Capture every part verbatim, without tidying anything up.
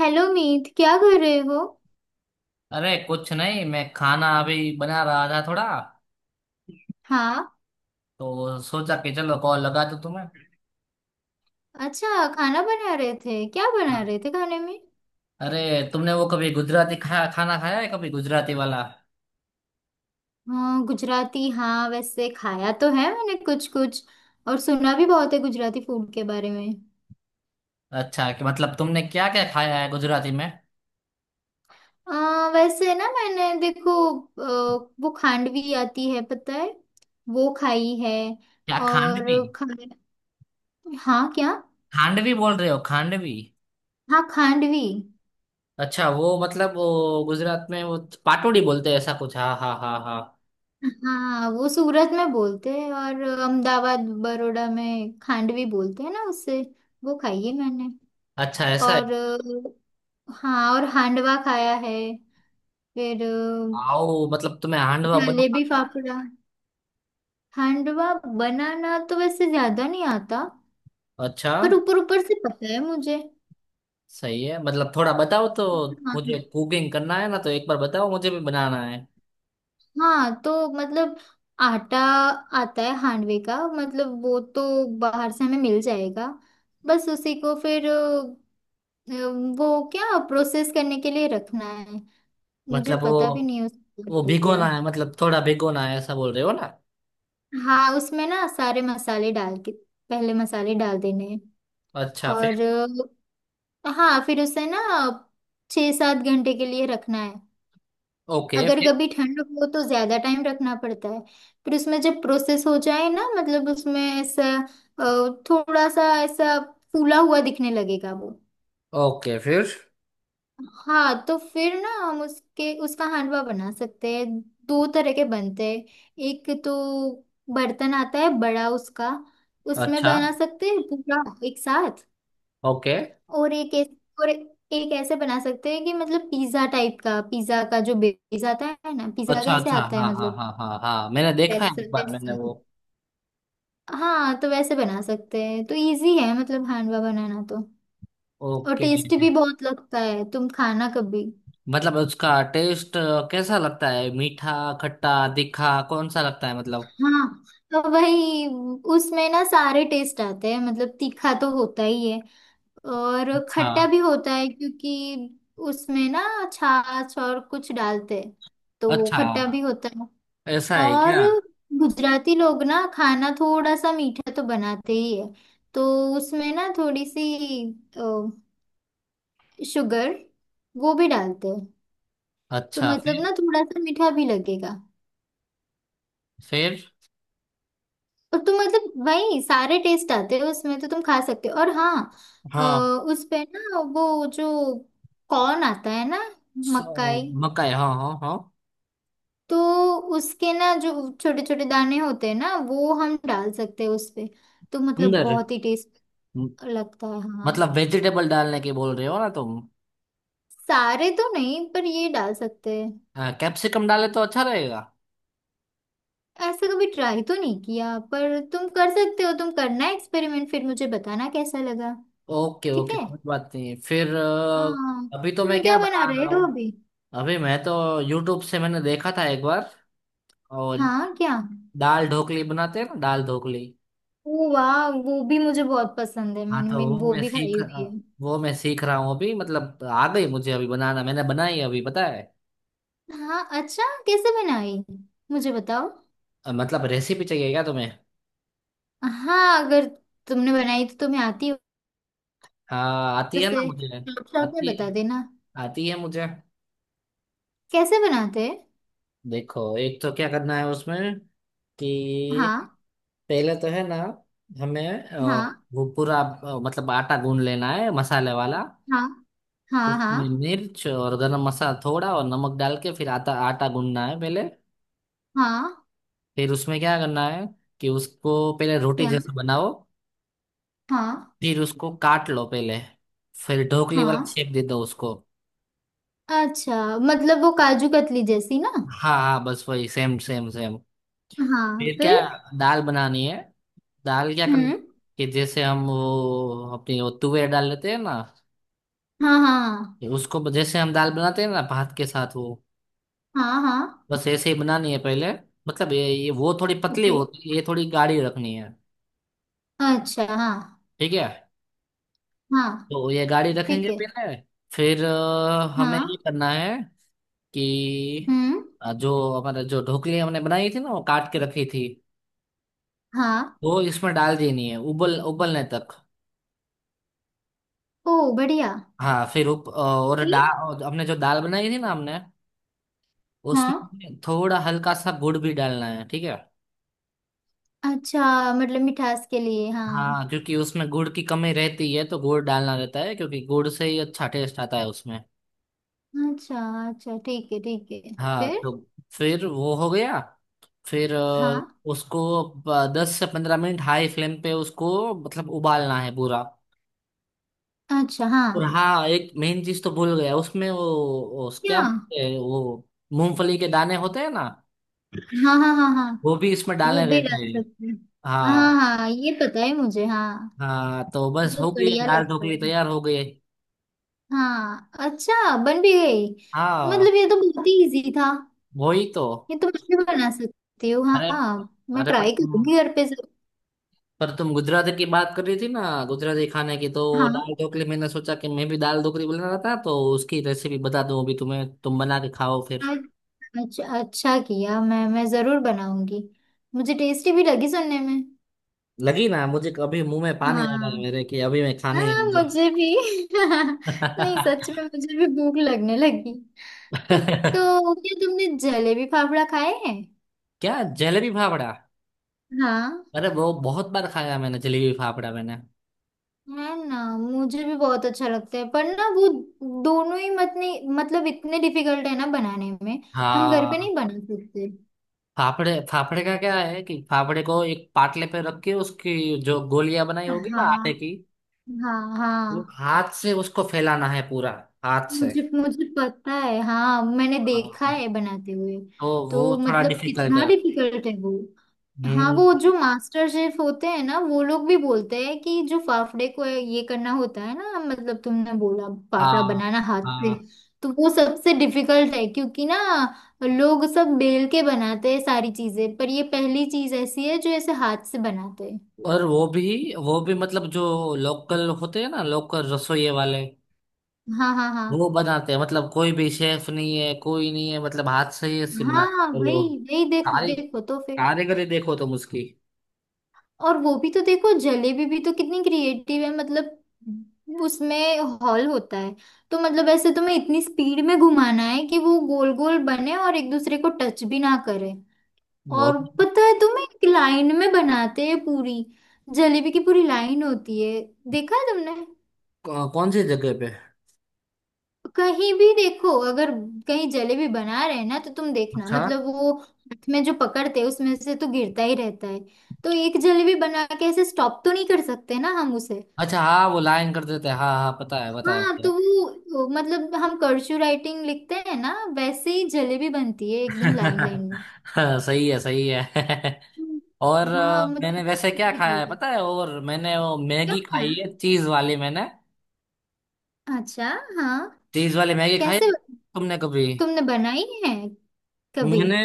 Hello Meet, क्या कर रहे हो। अरे कुछ नहीं, मैं खाना अभी बना रहा था थोड़ा, हाँ। तो सोचा कि चलो कॉल लगा दूं तुम्हें। अच्छा। खाना बना रहे थे, क्या बना हाँ। रहे थे खाने में। अरे, तुमने वो कभी गुजराती खाया खाना खाया है कभी गुजराती वाला? हाँ गुजराती। हाँ, वैसे खाया तो है मैंने कुछ कुछ। और सुना भी बहुत है गुजराती फूड के बारे में। अच्छा कि मतलब, तुमने क्या क्या खाया है गुजराती में? आ, वैसे ना मैंने देखो, अ, वो खांडवी आती है, पता है। वो खाई है। क्या, खांडवी? और खा हाँ क्या। खांडवी बोल रहे हो, खांडवी? हाँ, खांडवी। अच्छा, वो मतलब वो गुजरात में वो पाटोड़ी बोलते हैं ऐसा कुछ। हाँ हाँ हाँ हाँ। हाँ, वो सूरत में बोलते हैं, और अहमदाबाद बड़ौदा में खांडवी बोलते हैं ना उससे। वो खाई है मैंने। अच्छा, ऐसा है। और अ, हाँ, और हांडवा खाया है। फिर अ, आओ मतलब तुम्हें हांडवा बना। जलेबी फाफड़ा। हांडवा बनाना तो वैसे ज्यादा नहीं आता। अच्छा। पर ऊपर ऊपर से पता है मुझे। सही है, मतलब थोड़ा बताओ तो। मुझे हाँ। कुकिंग करना है ना, तो एक बार बताओ, मुझे भी बनाना है। हाँ तो मतलब आटा आता है हांडवे का, मतलब वो तो बाहर से हमें मिल जाएगा। बस उसी को फिर वो क्या प्रोसेस करने के लिए रखना है, मुझे मतलब पता भी वो नहीं उसका। वो भिगोना तो है, मतलब थोड़ा भिगोना है, ऐसा बोल रहे हो ना? हाँ, उसमें ना सारे मसाले डाल के पहले मसाले डाल देने हैं। अच्छा, और फिर? अ, हाँ, फिर उसे ना छः सात घंटे के लिए रखना है। ओके, अगर फिर? कभी ठंड हो तो ज्यादा टाइम रखना पड़ता है। फिर उसमें जब प्रोसेस हो जाए ना, मतलब उसमें ऐसा अ, थोड़ा सा ऐसा फूला हुआ दिखने लगेगा वो। ओके, फिर? हाँ, तो फिर ना हम उसके उसका हांडवा बना सकते हैं। दो तरह के बनते हैं। एक तो बर्तन आता है बड़ा उसका, उसमें अच्छा। बना सकते हैं पूरा एक साथ। ओके। और एक ऐस- और एक ऐसे बना सकते हैं कि मतलब पिज्जा टाइप का, पिज्जा का जो बेस आता है ना, पिज्जा अच्छा कैसे अच्छा, आता है हाँ हाँ मतलब, हाँ हाँ हाँ, मैंने देखा है वैसे एक बार मैंने वैसे। वो। हाँ, तो वैसे बना सकते हैं। तो इजी है मतलब हांडवा बनाना तो। और ओके। टेस्टी भी बहुत लगता है, तुम खाना कभी। मतलब उसका टेस्ट कैसा लगता है? मीठा, खट्टा, तीखा, कौन सा लगता है मतलब? हाँ, तो वही उसमें ना सारे टेस्ट आते हैं, मतलब तीखा तो होता ही है, और अच्छा। खट्टा भी होता है क्योंकि उसमें ना छाछ और कुछ डालते हैं, तो वो अच्छा, खट्टा भी होता है। ऐसा है और क्या? गुजराती लोग ना खाना थोड़ा सा मीठा तो बनाते ही है। तो उसमें ना थोड़ी सी शुगर वो भी डालते हैं। तो अच्छा, मतलब फिर? ना थोड़ा सा मीठा भी लगेगा। फिर? और तुम मतलब वही सारे टेस्ट आते हैं उसमें, तो तुम खा सकते हो। और हाँ अ, हाँ। उस पे ना वो जो कॉर्न आता है ना, सो, मकाई। मकाई हाँ हाँ हाँ। तो उसके ना जो छोटे छोटे दाने होते हैं ना, वो हम डाल सकते हैं उस पे। तो मतलब अंदर, बहुत ही टेस्ट म- लगता है। हाँ, मतलब वेजिटेबल डालने की बोल रहे हो ना तुम? सारे तो नहीं पर ये डाल सकते हैं। हाँ, कैप्सिकम डाले तो अच्छा रहेगा। ऐसा कभी ट्राई तो नहीं किया, पर तुम कर सकते हो। तुम करना एक्सपेरिमेंट, फिर मुझे बताना कैसा लगा। ओके ठीक ओके, है। कोई बात नहीं फिर। हाँ, अ, अभी तो मैं तुम क्या क्या बना बना रहे रहा हो हूँ? अभी। अभी मैं तो यूट्यूब से मैंने देखा था एक बार, और हाँ क्या। दाल ढोकली बनाते हैं ना, दाल ढोकली। ओ वाह, वो भी मुझे बहुत पसंद है, हाँ, मैंने तो मैं वो वो मैं भी खाई सीख हुई है। अ, वो मैं सीख रहा हूँ अभी, मतलब आ गई मुझे अभी बनाना, मैंने बनाई अभी, पता है? हाँ अच्छा, कैसे बनाई, मुझे बताओ। अ, मतलब रेसिपी चाहिए क्या तुम्हें? हाँ, अगर तुमने बनाई तो तुम्हें आती हो। हाँ, आती है वैसे ना मुझे। शॉर्ट शॉर्ट में आती बता देना आती है मुझे। कैसे बनाते हैं। देखो, एक तो क्या करना है उसमें कि हाँ पहले तो है ना, हमें अ, हाँ वो पूरा, अ, मतलब आटा गूंद लेना है मसाले वाला। हाँ हाँ उसमें हाँ। मिर्च और गरम मसाला थोड़ा और नमक डाल के फिर आटा आटा गूंदना है पहले। हाँ फिर उसमें क्या करना है कि उसको पहले रोटी क्या। जैसा बनाओ। हाँ फिर उसको काट लो पहले। फिर ढोकली वाला हाँ। शेप दे दो उसको। अच्छा, मतलब वो काजू कतली जैसी ना। हाँ हाँ, बस वही, सेम सेम सेम। हाँ फिर क्या, फिर। दाल बनानी है। दाल क्या करनी हम्म। कि जैसे हम वो अपनी वो तुवे डाल लेते हैं ना। हाँ हाँ उसको ब- जैसे हम दाल बनाते हैं ना भात के साथ वो। हाँ हाँ। बस ऐसे ही बनानी है पहले। मतलब ये ये वो थोड़ी पतली ओके। होती है, ये थोड़ी गाढ़ी रखनी है। अच्छा हाँ ठीक है। हाँ तो ये गाढ़ी रखेंगे ठीक है। पहले। फिर अ, हमें ये हाँ। करना है कि हम्म। अ, जो हमारा जो ढोकली हमने बनाई थी ना, वो काट के रखी थी। हाँ। वो इसमें डाल देनी है उबल उबलने तक। ओ बढ़िया। हाँ, फिर उप, अ, और फिर। दाल हमने जो दाल बनाई थी ना हमने, हाँ। उसमें थोड़ा हल्का सा गुड़ भी डालना है। ठीक है। अच्छा, मतलब मिठास के लिए, हाँ। हाँ क्योंकि उसमें गुड़ की कमी रहती है, तो गुड़ डालना रहता है, क्योंकि गुड़ से ही अच्छा टेस्ट आता है उसमें। अच्छा अच्छा ठीक है ठीक है। हाँ फिर। तो, फिर वो हो गया। फिर अ, हाँ। उसको दस से पंद्रह मिनट हाई फ्लेम पे उसको मतलब उबालना है पूरा। अच्छा हाँ। और हाँ, एक मेन चीज तो भूल गया उसमें, वो, वो क्या क्या। बोलते हैं, वो मूंगफली के दाने होते हैं ना, हाँ हाँ हाँ हाँ। वो भी इसमें वो डालने भी रहते डाल हैं। सकते हैं। हाँ हाँ। हाँ, ये पता है मुझे, हाँ। हाँ तो, बस हो बहुत गई, बढ़िया दाल लगता ढोकली है। तैयार हो गई। हाँ, अच्छा बन भी गई। हाँ, मतलब ये तो बहुत ही इजी था। वही तो। ये तो मैं भी बना सकती हूँ, हाँ अरे, हाँ, मैं अरे, पर ट्राई करूंगी घर पे जरूर। पर तुम गुजराती की बात कर रही थी ना, गुजराती खाने की तो। हाँ, दाल ढोकली, मैंने सोचा कि मैं भी दाल ढोकली बनाना था, तो उसकी रेसिपी बता दूं अभी तुम्हें, तुम बना के खाओ फिर। अच्छा अच्छा किया, मैं मैं जरूर बनाऊंगी। मुझे टेस्टी भी लगी सुनने में। लगी ना मुझे, अभी मुंह में पानी आ रहा हाँ। है मेरे कि अभी मैं खानी है हाँ, मुझे। मुझे भी नहीं, सच में मुझे भी भूख लगने लगी। तो तो क्या तुमने जलेबी फाफड़ा खाए हैं। क्या, जलेबी फाफड़ा? हाँ। अरे वो बहुत बार खाया मैंने, जलेबी फाफड़ा मैंने। है ना, मुझे भी बहुत अच्छा लगता है, पर ना वो दोनों ही मत नहीं मतलब इतने डिफिकल्ट है ना बनाने में, हम घर पे नहीं हाँ, बना सकते। फाफड़े फाफड़े का क्या है कि फाफड़े को एक पाटले पे रख के उसकी जो गोलियां बनाई होगी ना आटे हाँ की, हाँ वो हाँ। हाथ से उसको फैलाना है पूरा, हाथ से। मुझे मुझे पता है, हाँ, मैंने देखा हाँ, है बनाते हुए। तो वो तो थोड़ा मतलब डिफिकल्ट कितना है। डिफिकल्ट है वो। हाँ, हम्म वो जो मास्टर शेफ होते हैं ना, वो लोग भी बोलते हैं कि जो फाफड़े को ये करना होता है ना, मतलब तुमने बोला फाफड़ा हाँ बनाना हाथ से, हाँ। तो वो सबसे डिफिकल्ट है। क्योंकि ना लोग सब बेल के बनाते हैं सारी चीजें, पर ये पहली चीज ऐसी है जो ऐसे हाथ से बनाते हैं। और वो भी वो भी मतलब, जो लोकल होते हैं ना, लोकल रसोई वाले, हाँ हाँ हाँ। वो बनाते हैं मतलब, कोई भी शेफ नहीं है, कोई नहीं है मतलब, हाथ से ही ऐसे बनाते हाँ हैं, भाई। बोलो। वही देखो, कारी देखो तो फिर। कारीगरी देखो तुम उसकी। और वो भी तो देखो, जलेबी भी तो कितनी क्रिएटिव है, मतलब उसमें हॉल होता है, तो मतलब ऐसे तुम्हें इतनी स्पीड में घुमाना है कि वो गोल गोल बने, और एक दूसरे को टच भी ना करे। वो और पता है तुम्हें, एक लाइन में बनाते हैं पूरी, जलेबी की पूरी लाइन होती है, देखा है तुमने। कौ- कौन सी जगह पे? कहीं भी देखो, अगर कहीं जलेबी बना रहे हैं ना, तो तुम देखना, अच्छा मतलब वो हाथ में जो पकड़ते हैं उसमें से तो गिरता ही रहता है, तो एक जलेबी बना के ऐसे स्टॉप तो नहीं कर सकते ना हम उसे। अच्छा, हाँ वो लाइन कर देते हैं, हाँ हाँ, पता है पता है हाँ, मुझे। तो वो मतलब हम कर्चू राइटिंग लिखते हैं ना, वैसे ही जलेबी बनती है एकदम लाइन लाइन में। हाँ, सही है सही है। हम्म। और हाँ अ, मैंने मतलब वैसे क्या खाया है difficult है। पता है, और मैंने वो क्या मैगी हुआ? खाई है, चीज वाली मैंने। अच्छा। हाँ। चीज वाली मैगी खाई है कैसे बन- तुमने कभी? तुमने बनाई है कभी। मैंने,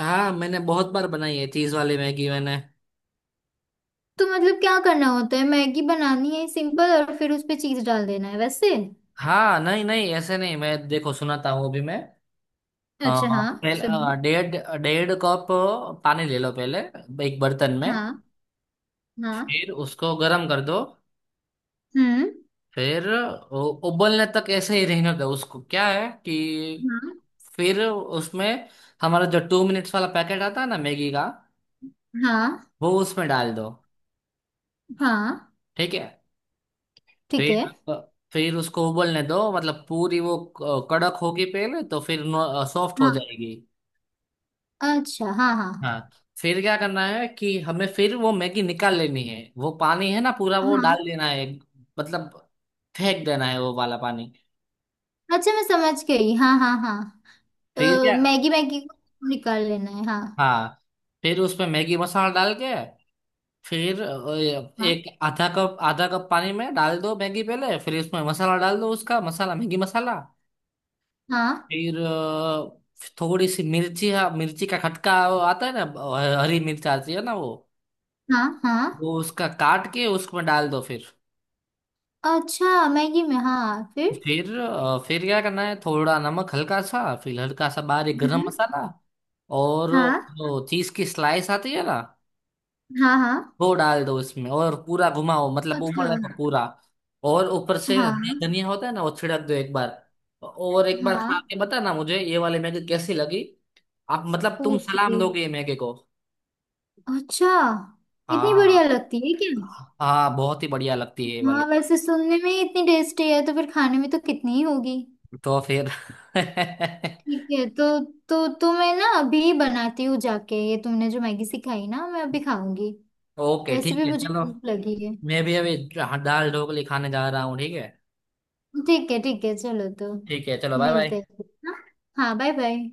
हाँ, मैंने बहुत बार बनाई है चीज वाली मैगी, मैंने। तो मतलब क्या करना होता है, मैगी बनानी है सिंपल और फिर उस पे चीज डाल देना है वैसे। हाँ नहीं नहीं, ऐसे नहीं, मैं देखो सुनाता हूँ अभी मैं अ, अच्छा हाँ, पहले सुनिए। अ, डेढ़ डेढ़ कप पानी ले लो पहले, एक बर्तन में। हाँ। हाँ। फिर उसको गर्म कर दो। हम्म। फिर उ- उबलने तक ऐसे ही रहने दो उसको, क्या है कि हाँ फिर उसमें हमारा जो टू मिनट्स वाला पैकेट आता है ना, मैगी का, हाँ वो उसमें डाल दो। हाँ। ठीक है। ठीक फिर है। आप- फिर उसको उबलने दो, मतलब पूरी वो क- कड़क होगी पहले, तो फिर सॉफ्ट हो हाँ। जाएगी। अच्छा हाँ हाँ हाँ, फिर क्या करना है कि हमें फिर वो मैगी निकाल लेनी है, वो पानी है ना पूरा, वो हाँ। डाल देना है, मतलब फेंक देना है वो वाला पानी। अच्छा मैं समझ गई, हाँ हाँ हाँ। फिर अ, क्या, मैगी मैगी को निकाल लेना है, हाँ। हाँ फिर उसमें मैगी मसाला डाल के, फिर अ, हाँ एक आधा कप आधा कप पानी में डाल दो मैगी पहले, फिर उसमें मसाला डाल दो, उसका मसाला, मैगी मसाला। हाँ फिर अ, थोड़ी सी मिर्ची, हाँ मिर्ची का खटका वो आता है ना, अ, हरी मिर्च आती है ना वो हाँ हाँ। वो उसका काट के उसमें डाल दो फिर। अच्छा, मैगी में, हाँ, फिर। फिर अ, फिर क्या करना है, थोड़ा नमक हल्का सा, फिर हल्का सा बारीक गरम हम्म। मसाला, और हाँ वो चीज की स्लाइस आती है ना, हाँ हाँ। वो डाल दो उसमें और पूरा घुमाओ, मतलब अच्छा। उबलने को पूरा। और ऊपर से हाँ। हरी धनिया होता है ना, वो छिड़क दो एक बार। और एक बार हाँ। खा के बताना मुझे ये वाली मैगी कैसी लगी। आप मतलब तुम, ओके। सलाम दोगे ये मैगी को। अच्छा, इतनी हाँ। बढ़िया लगती है क्या। हाँ, बहुत ही बढ़िया लगती है ये हाँ, वाली। वैसे सुनने में ही इतनी टेस्टी है, तो फिर खाने में तो कितनी ही होगी। तो फिर, ठीक है। तो तो तो मैं ना अभी बनाती हूँ जाके, ये तुमने जो मैगी सिखाई ना, मैं अभी खाऊंगी। ओके वैसे ठीक भी है, मुझे चलो। भूख लगी है। मैं भी अभी, हाँ, दाल ढोकली खाने जा रहा हूँ, ठीक है। ठीक है ठीक है, चलो तो ठीक है, चलो बाय मिलते बाय। हैं। हाँ बाय बाय।